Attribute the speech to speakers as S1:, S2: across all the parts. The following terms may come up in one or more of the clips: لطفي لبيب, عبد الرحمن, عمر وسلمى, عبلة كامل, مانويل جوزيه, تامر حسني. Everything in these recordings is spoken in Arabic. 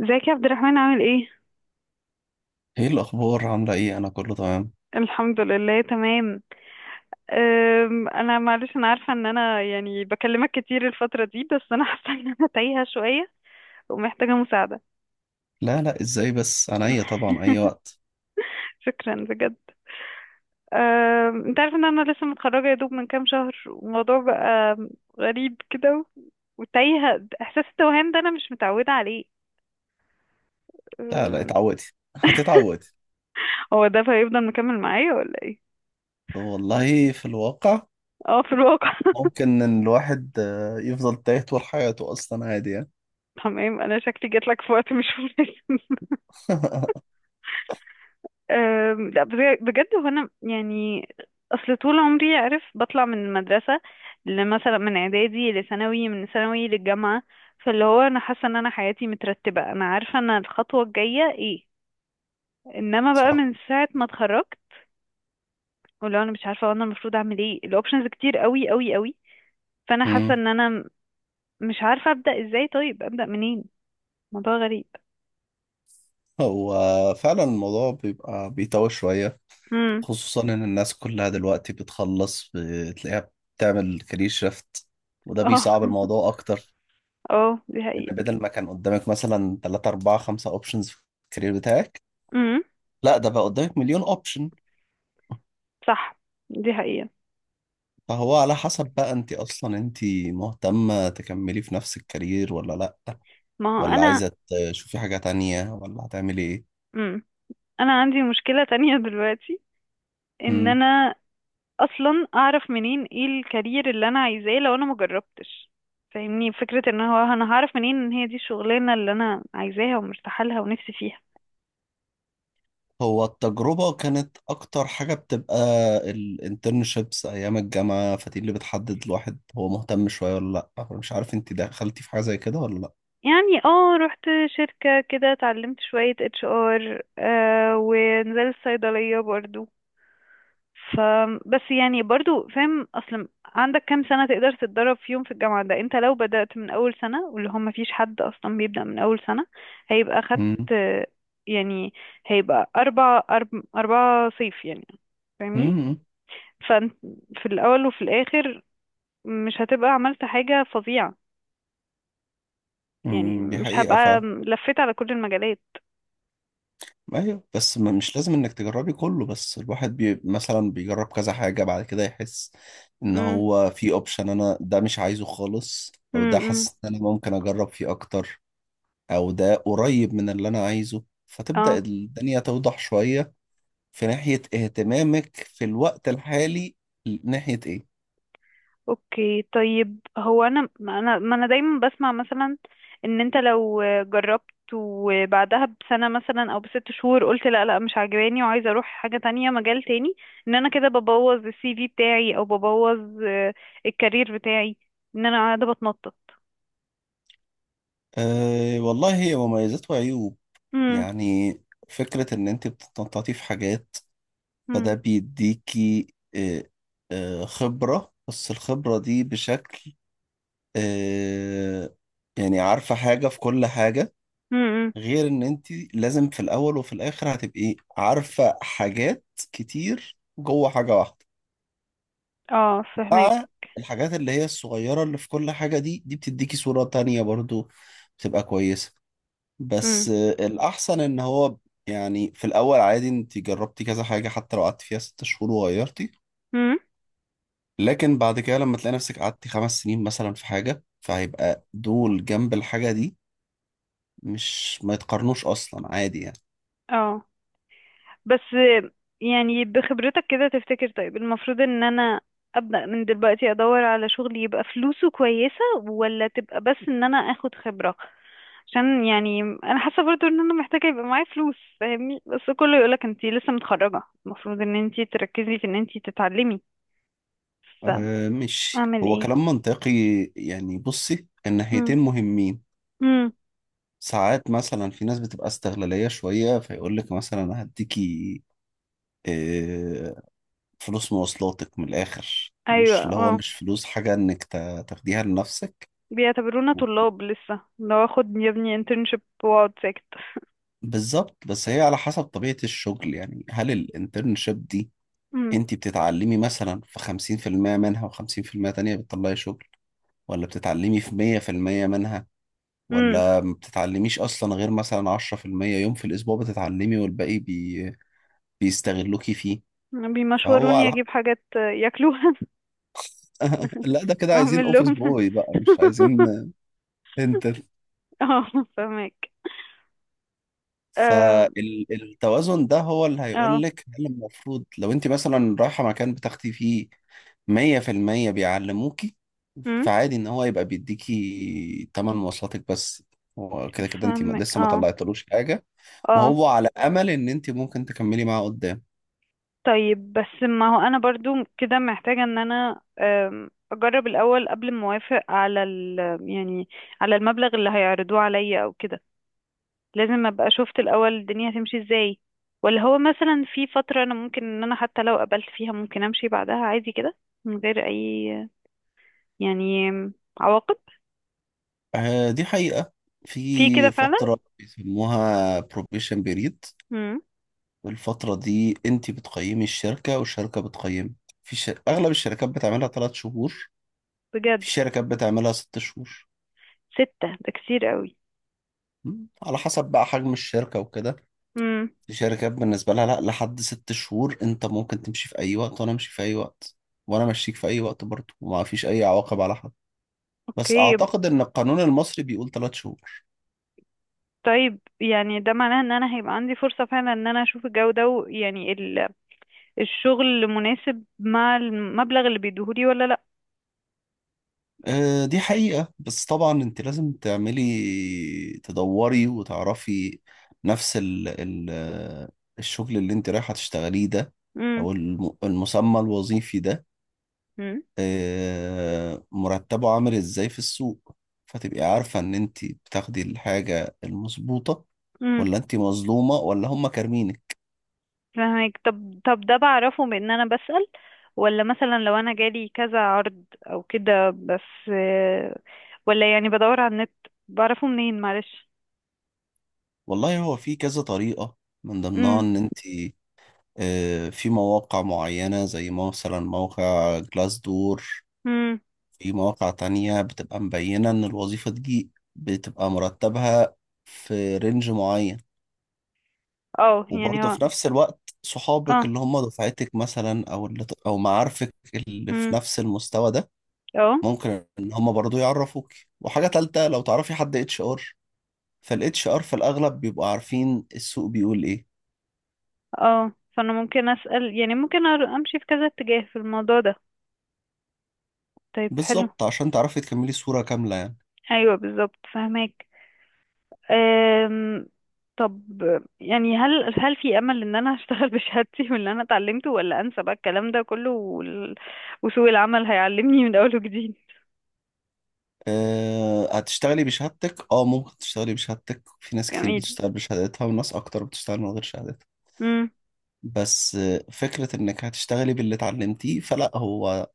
S1: ازيك يا عبد الرحمن، عامل ايه؟
S2: ايه الاخبار؟ عامله ايه؟ انا كله تمام.
S1: الحمد لله، تمام. انا معلش، انا عارفه ان انا يعني بكلمك كتير الفتره دي، بس انا حاسه ان انا تايهه شويه ومحتاجه مساعده.
S2: لا لا، ازاي بس؟ انا ايه؟ طبعا اي وقت.
S1: شكرا بجد. انت عارف ان انا لسه متخرجه يا دوب من كام شهر، والموضوع بقى غريب كده، وتايهه. احساس التوهان ده انا مش متعوده عليه.
S2: لا لا
S1: أم،
S2: اتعودي، هتتعودي.
S1: هو ده هيفضل مكمل معايا ولا ايه؟
S2: والله في الواقع
S1: اه، في الواقع.
S2: ممكن ان الواحد يفضل تايه طول حياته اصلا، عادي يعني.
S1: تمام، انا شكلي جاتلك في وقت مش مناسب. لا، بجد، هو انا يعني اصل طول عمري عارف بطلع من المدرسه لمثلا من اعدادي لثانوي، من ثانوي للجامعه، فاللي هو انا حاسه ان انا حياتي مترتبه، انا عارفه انا الخطوه الجايه ايه، انما بقى
S2: صح.
S1: من ساعه ما اتخرجت ولو انا مش عارفه انا المفروض اعمل ايه، الاوبشنز كتير قوي قوي قوي، فانا حاسه
S2: امم.
S1: ان انا مش عارفه ابدا ازاي، طيب ابدا منين. موضوع غريب.
S2: هو فعلا الموضوع بيبقى بيتوه شويه،
S1: امم.
S2: خصوصا ان الناس كلها دلوقتي بتخلص بتلاقيها بتعمل كارير شيفت، وده
S1: اه.
S2: بيصعب الموضوع اكتر.
S1: اه، دي
S2: ان
S1: حقيقه.
S2: بدل ما كان قدامك مثلا 3 4 5 اوبشنز في الكارير بتاعك،
S1: امم.
S2: لا ده بقى قدامك مليون اوبشن.
S1: صح، دي حقيقه.
S2: فهو على حسب بقى انت اصلا انت مهتمة تكملي في نفس الكارير ولا لا،
S1: ما هو
S2: ولا
S1: انا.
S2: عايزة تشوفي حاجة تانية، ولا هتعملي ايه.
S1: مم. انا عندي مشكلة تانية دلوقتي، ان
S2: مم.
S1: انا اصلا اعرف منين ايه الكارير اللي انا عايزاه لو انا مجربتش. فاهمني؟ فكرة ان هو انا هعرف منين ان هي دي الشغلانة اللي انا عايزاها ومرتاحة لها ونفسي فيها.
S2: هو التجربة كانت اكتر حاجة بتبقى الانترنشيبس ايام الجامعة، فدي اللي بتحدد الواحد هو مهتم شوية ولا لا. مش عارف انت دخلتي في حاجة زي كده ولا لا.
S1: يعني اه، رحت شركة كده، اتعلمت شوية HR، ونزلت صيدلية برضو. فبس يعني برضو، فاهم اصلا عندك كام سنة تقدر تتدرب فيهم في الجامعة؟ ده انت لو بدأت من اول سنة، واللي هم مفيش حد اصلا بيبدأ من اول سنة، هيبقى خدت.
S2: مم.
S1: يعني هيبقى 4 صيف يعني، فاهمني؟
S2: مم.
S1: فانت في الاول وفي الاخر مش هتبقى عملت حاجة فظيعة. يعني
S2: مم. دي
S1: مش
S2: حقيقة
S1: هبقى
S2: فعلا.
S1: لفيت على كل المجالات.
S2: ايوه بس مش لازم انك تجربي كله، بس الواحد بي مثلا بيجرب كذا حاجة بعد كده يحس ان
S1: امم.
S2: هو في اوبشن انا ده مش عايزه خالص، او ده
S1: امم.
S2: حاسس ان انا ممكن اجرب فيه اكتر، او ده قريب من اللي انا عايزه، فتبدأ
S1: اه.
S2: الدنيا توضح شوية في ناحية اهتمامك. في الوقت الحالي ناحية ايه؟
S1: اوكي، طيب هو انا، ما انا دايما بسمع مثلا ان انت لو جربت وبعدها بسنة مثلا او ب6 شهور قلت لا لا، مش عاجباني وعايزة اروح حاجة تانية، مجال تاني، ان انا كده ببوظ ال CV بتاعي، او ببوظ الكارير بتاعي، ان انا قاعدة بتنطط.
S2: أه والله، هي مميزات وعيوب
S1: امم.
S2: يعني. فكرة ان انت بتتنططي في حاجات، فده
S1: امم.
S2: بيديكي خبرة، بس الخبرة دي بشكل، آه، يعني عارفة حاجة في كل حاجة،
S1: امم.
S2: غير ان انت لازم في الاول وفي الاخر هتبقي عارفة حاجات كتير جوه حاجة واحدة،
S1: اه، فهمك.
S2: مع الحاجات اللي هي الصغيرة اللي في كل حاجة، دي دي بتديكي صورة تانية برضو بتبقى كويسة. بس
S1: امم.
S2: الأحسن إن هو يعني في الأول عادي أنت جربتي كذا حاجة، حتى لو قعدت فيها 6 شهور وغيرتي،
S1: امم.
S2: لكن بعد كده لما تلاقي نفسك قعدتي 5 سنين مثلا في حاجة، فهيبقى دول جنب الحاجة دي مش ما يتقارنوش أصلا، عادي يعني.
S1: اه. بس يعني بخبرتك كده تفتكر، طيب المفروض ان انا ابدأ من دلوقتي ادور على شغل يبقى فلوسه كويسة، ولا تبقى بس ان انا اخد خبرة؟ عشان يعني انا حاسة برضو ان انا محتاجة يبقى معايا فلوس، فاهمني؟ بس كله يقولك انتي لسه متخرجة، المفروض ان انتي تركزي في ان انتي تتعلمي.
S2: أه، مش
S1: فاعمل
S2: هو
S1: ايه؟
S2: كلام منطقي يعني. بصي،
S1: مم.
S2: الناحيتين مهمين.
S1: مم.
S2: ساعات مثلا في ناس بتبقى استغلالية شوية، فيقول لك مثلا أنا هديكي أه فلوس مواصلاتك، من الآخر
S1: ايوه،
S2: مش اللي هو
S1: اه.
S2: مش فلوس حاجة إنك تاخديها لنفسك.
S1: بيعتبرونا طلاب لسه، لو اخد يا ابني internship واقعد ساكت.
S2: بالظبط، بس هي على حسب طبيعة الشغل يعني. هل الانترنشيب دي
S1: امم.
S2: انت بتتعلمي مثلا في 50% منها و50% تانية بتطلعي شغل، ولا بتتعلمي في 100% منها،
S1: امم.
S2: ولا ما بتتعلميش اصلا غير مثلا 10%، يوم في الاسبوع بتتعلمي والباقي بيستغلوكي فيه. فهو
S1: بيمشوروني
S2: على،
S1: اجيب حاجات ياكلوها،
S2: لا ده كده عايزين
S1: اعمل
S2: اوفيس
S1: لهم.
S2: بوي بقى، مش عايزين انت.
S1: اه، فهمك. اه.
S2: فالتوازن ده هو اللي هيقول
S1: اه.
S2: لك هل المفروض لو انت مثلا رايحه مكان بتاخدي فيه مية في المية بيعلموكي،
S1: أم،
S2: فعادي ان هو يبقى بيديكي تمن مواصلاتك بس، هو كده كده انت
S1: فهمك.
S2: لسه ما
S1: اه.
S2: طلعتلوش حاجة،
S1: اه.
S2: وهو على امل ان انت ممكن تكملي معاه قدام.
S1: طيب، بس ما هو انا برضو كده محتاجة ان انا اجرب الاول قبل ما اوافق على ال، يعني، على المبلغ اللي هيعرضوه عليا او كده. لازم ابقى شفت الاول الدنيا هتمشي ازاي، ولا هو مثلا في فترة انا ممكن ان انا حتى لو قبلت فيها ممكن امشي بعدها عادي كده من غير اي، يعني، عواقب؟
S2: دي حقيقة.
S1: في كده
S2: في
S1: فعلا.
S2: فترة بيسموها probation period،
S1: امم.
S2: والفترة دي انت بتقيمي الشركة والشركة بتقيمك. في اغلب الشركات بتعملها 3 شهور،
S1: بجد؟
S2: في شركات بتعملها 6 شهور.
S1: 6 ده كتير قوي.
S2: م؟ على حسب بقى حجم الشركة وكده.
S1: امم.
S2: الشركات بالنسبة لها، لا، لحد 6 شهور انت ممكن تمشي في اي وقت، وانا امشي في اي وقت، وانا مشيك في اي وقت برضه، وما فيش اي عواقب على حد. بس
S1: اوكي،
S2: اعتقد ان القانون المصري بيقول 3 شهور.
S1: طيب يعني ده معناه ان انا هيبقى عندي فرصة فعلا ان انا اشوف الجو ده يعني الشغل مناسب مع المبلغ اللي بيديهولي ولا لا.
S2: دي حقيقة، بس طبعا انت لازم تعملي تدوري وتعرفي نفس ال الشغل اللي انت رايحة تشتغليه ده،
S1: امم.
S2: او المسمى الوظيفي ده،
S1: مم.
S2: مرتبه عامل ازاي في السوق، فتبقي عارفة ان انت بتاخدي الحاجة المظبوطة،
S1: امم.
S2: ولا انت مظلومة، ولا هم كارمينك.
S1: فهمك. طب ده بعرفه بان انا بسأل، ولا مثلا لو انا جالي كذا عرض او كده؟ بس ولا يعني بدور على النت؟ بعرفه منين، معلش؟
S2: والله هو في كذا طريقة، من ضمنها
S1: امم.
S2: ان انت، في مواقع معينة زي مثلا موقع جلاس دور،
S1: امم.
S2: في مواقع تانية بتبقى مبينة ان الوظيفة دي بتبقى مرتبها في رينج معين.
S1: اه، يعني.
S2: وبرضه
S1: اه.
S2: في نفس الوقت صحابك
S1: اه.
S2: اللي هم دفعتك مثلا، او اللي او معارفك اللي في
S1: امم.
S2: نفس المستوى ده،
S1: اه.
S2: ممكن ان هم برضه يعرفوك. وحاجة تالتة، لو تعرفي حد اتش ار، فالاتش ار في الاغلب بيبقوا عارفين السوق بيقول ايه.
S1: اه. فانا ممكن اسال، يعني ممكن امشي في كذا اتجاه في الموضوع ده. طيب حلو.
S2: بالظبط، عشان تعرفي تكملي صورة كاملة يعني.
S1: ايوه، بالظبط، فهماك. أم... طب يعني هل في امل ان انا اشتغل بشهادتي واللي انا اتعلمته، ولا انسى بقى الكلام ده كله وسوق العمل هيعلمني من اول وجديد؟
S2: أه هتشتغلي بشهادتك، اه ممكن تشتغلي بشهادتك، في ناس كتير
S1: جميل.
S2: بتشتغل بشهادتها وناس اكتر بتشتغل من غير شهادتها.
S1: امم.
S2: بس فكرة انك هتشتغلي باللي اتعلمتيه، فلا، هو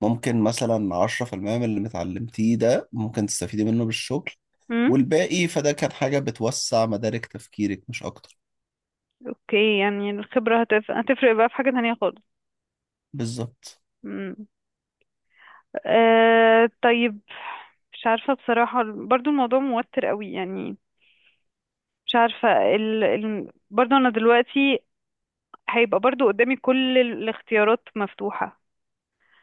S2: ممكن مثلا 10% من اللي متعلمتيه ده ممكن تستفيدي منه بالشغل،
S1: امم.
S2: والباقي فده كان حاجة بتوسع مدارك تفكيرك مش أكتر.
S1: اوكي، يعني الخبره هتفرق بقى في حاجه تانية خالص.
S2: بالظبط.
S1: امم. طيب، مش عارفه بصراحه، برضو الموضوع موتر قوي يعني. مش عارفة برضه أنا دلوقتي هيبقى برضه قدامي كل الاختيارات مفتوحة.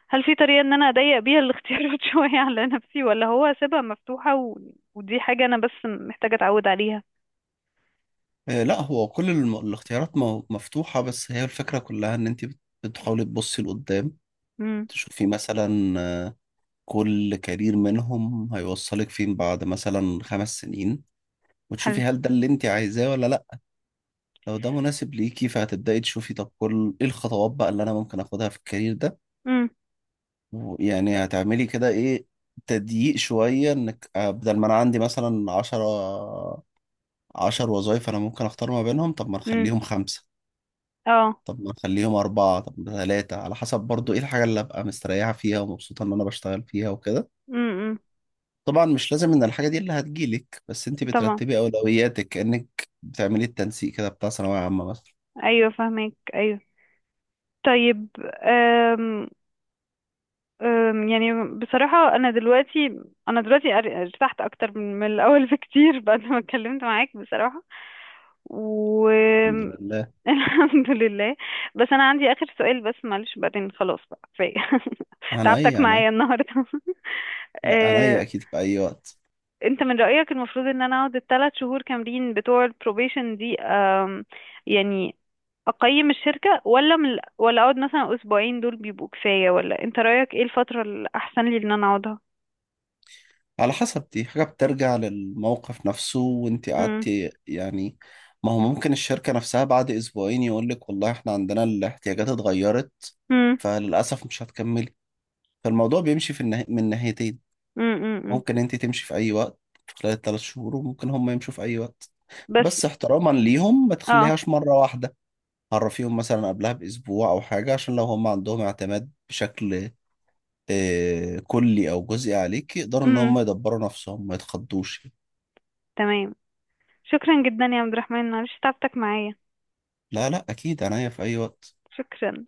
S1: هل في طريقة إن أنا أضيق بيها الاختيارات شوية على نفسي، ولا هو أسيبها مفتوحة ودي حاجة أنا بس محتاجة أتعود عليها؟
S2: لا، هو كل الاختيارات مفتوحة، بس هي الفكرة كلها إن أنت بتحاولي تبصي لقدام،
S1: امم.
S2: تشوفي مثلا كل كارير منهم هيوصلك فين بعد مثلا 5 سنين، وتشوفي
S1: حلو.
S2: هل ده اللي أنت عايزاه ولا لأ. لو ده مناسب ليكي فهتبدأي تشوفي، طب كل إيه الخطوات بقى اللي أنا ممكن أخدها في الكارير ده.
S1: امم.
S2: يعني هتعملي كده ايه، تضييق شوية انك بدل ما انا عندي مثلا عشرة، عشر وظايف انا ممكن اختار ما بينهم، طب ما
S1: امم.
S2: نخليهم خمسة،
S1: اه.
S2: طب ما نخليهم أربعة، طب ما ثلاثة، على حسب برضو ايه الحاجة اللي ابقى مستريحة فيها ومبسوطة ان انا بشتغل فيها وكده.
S1: امم.
S2: طبعا مش لازم ان الحاجة دي اللي هتجيلك، بس انت
S1: طبعا.
S2: بترتبي اولوياتك، كأنك بتعملي التنسيق كده بتاع ثانوية عامة مثلا.
S1: أيوة، فاهمك، أيوة. طيب، يعني بصراحة أنا دلوقتي، أنا دلوقتي ارتحت أكتر من الأول بكتير، بعد ما اتكلمت معاك بصراحة. و
S2: الحمد لله.
S1: الحمد لله. بس أنا عندي آخر سؤال بس، معلش، بعدين خلاص بقى كفاية.
S2: عن اي؟
S1: تعبتك
S2: عن اي؟
S1: معايا النهاردة.
S2: لا، عن اي
S1: أه،
S2: اكيد، في اي وقت.
S1: أنت من رأيك المفروض إن أنا أقعد ال3 شهور كاملين بتوع البروبيشن دي، يعني أقيم الشركة، ولا من، ولا أقعد مثلا أسبوعين دول بيبقوا كفاية؟ ولا أنت رأيك إيه الفترة الأحسن لي إن أنا أقعدها؟
S2: على حسب. دي حاجة بترجع للموقف نفسه وانت
S1: مم.
S2: قعدتي يعني. ما هو ممكن الشركة نفسها بعد أسبوعين يقولك والله احنا عندنا الاحتياجات اتغيرت،
S1: مم.
S2: فللأسف مش هتكملي. فالموضوع بيمشي في من ناحيتين،
S1: مم. مم. مم.
S2: ممكن انت تمشي في أي وقت خلال ال3 شهور، وممكن هم يمشوا في أي وقت.
S1: بس.
S2: بس احتراما ليهم ما
S1: اه.
S2: تخليهاش مرة واحدة، عرفيهم مثلا قبلها بأسبوع أو حاجة، عشان لو هم عندهم اعتماد بشكل كلي أو جزئي عليك، يقدروا إن
S1: مم.
S2: هم يدبروا نفسهم ما يتخضوش.
S1: تمام. شكرا جدا يا عبد الرحمن، معلش تعبتك معايا.
S2: لا لا اكيد، عناية في اي وقت.
S1: شكرا.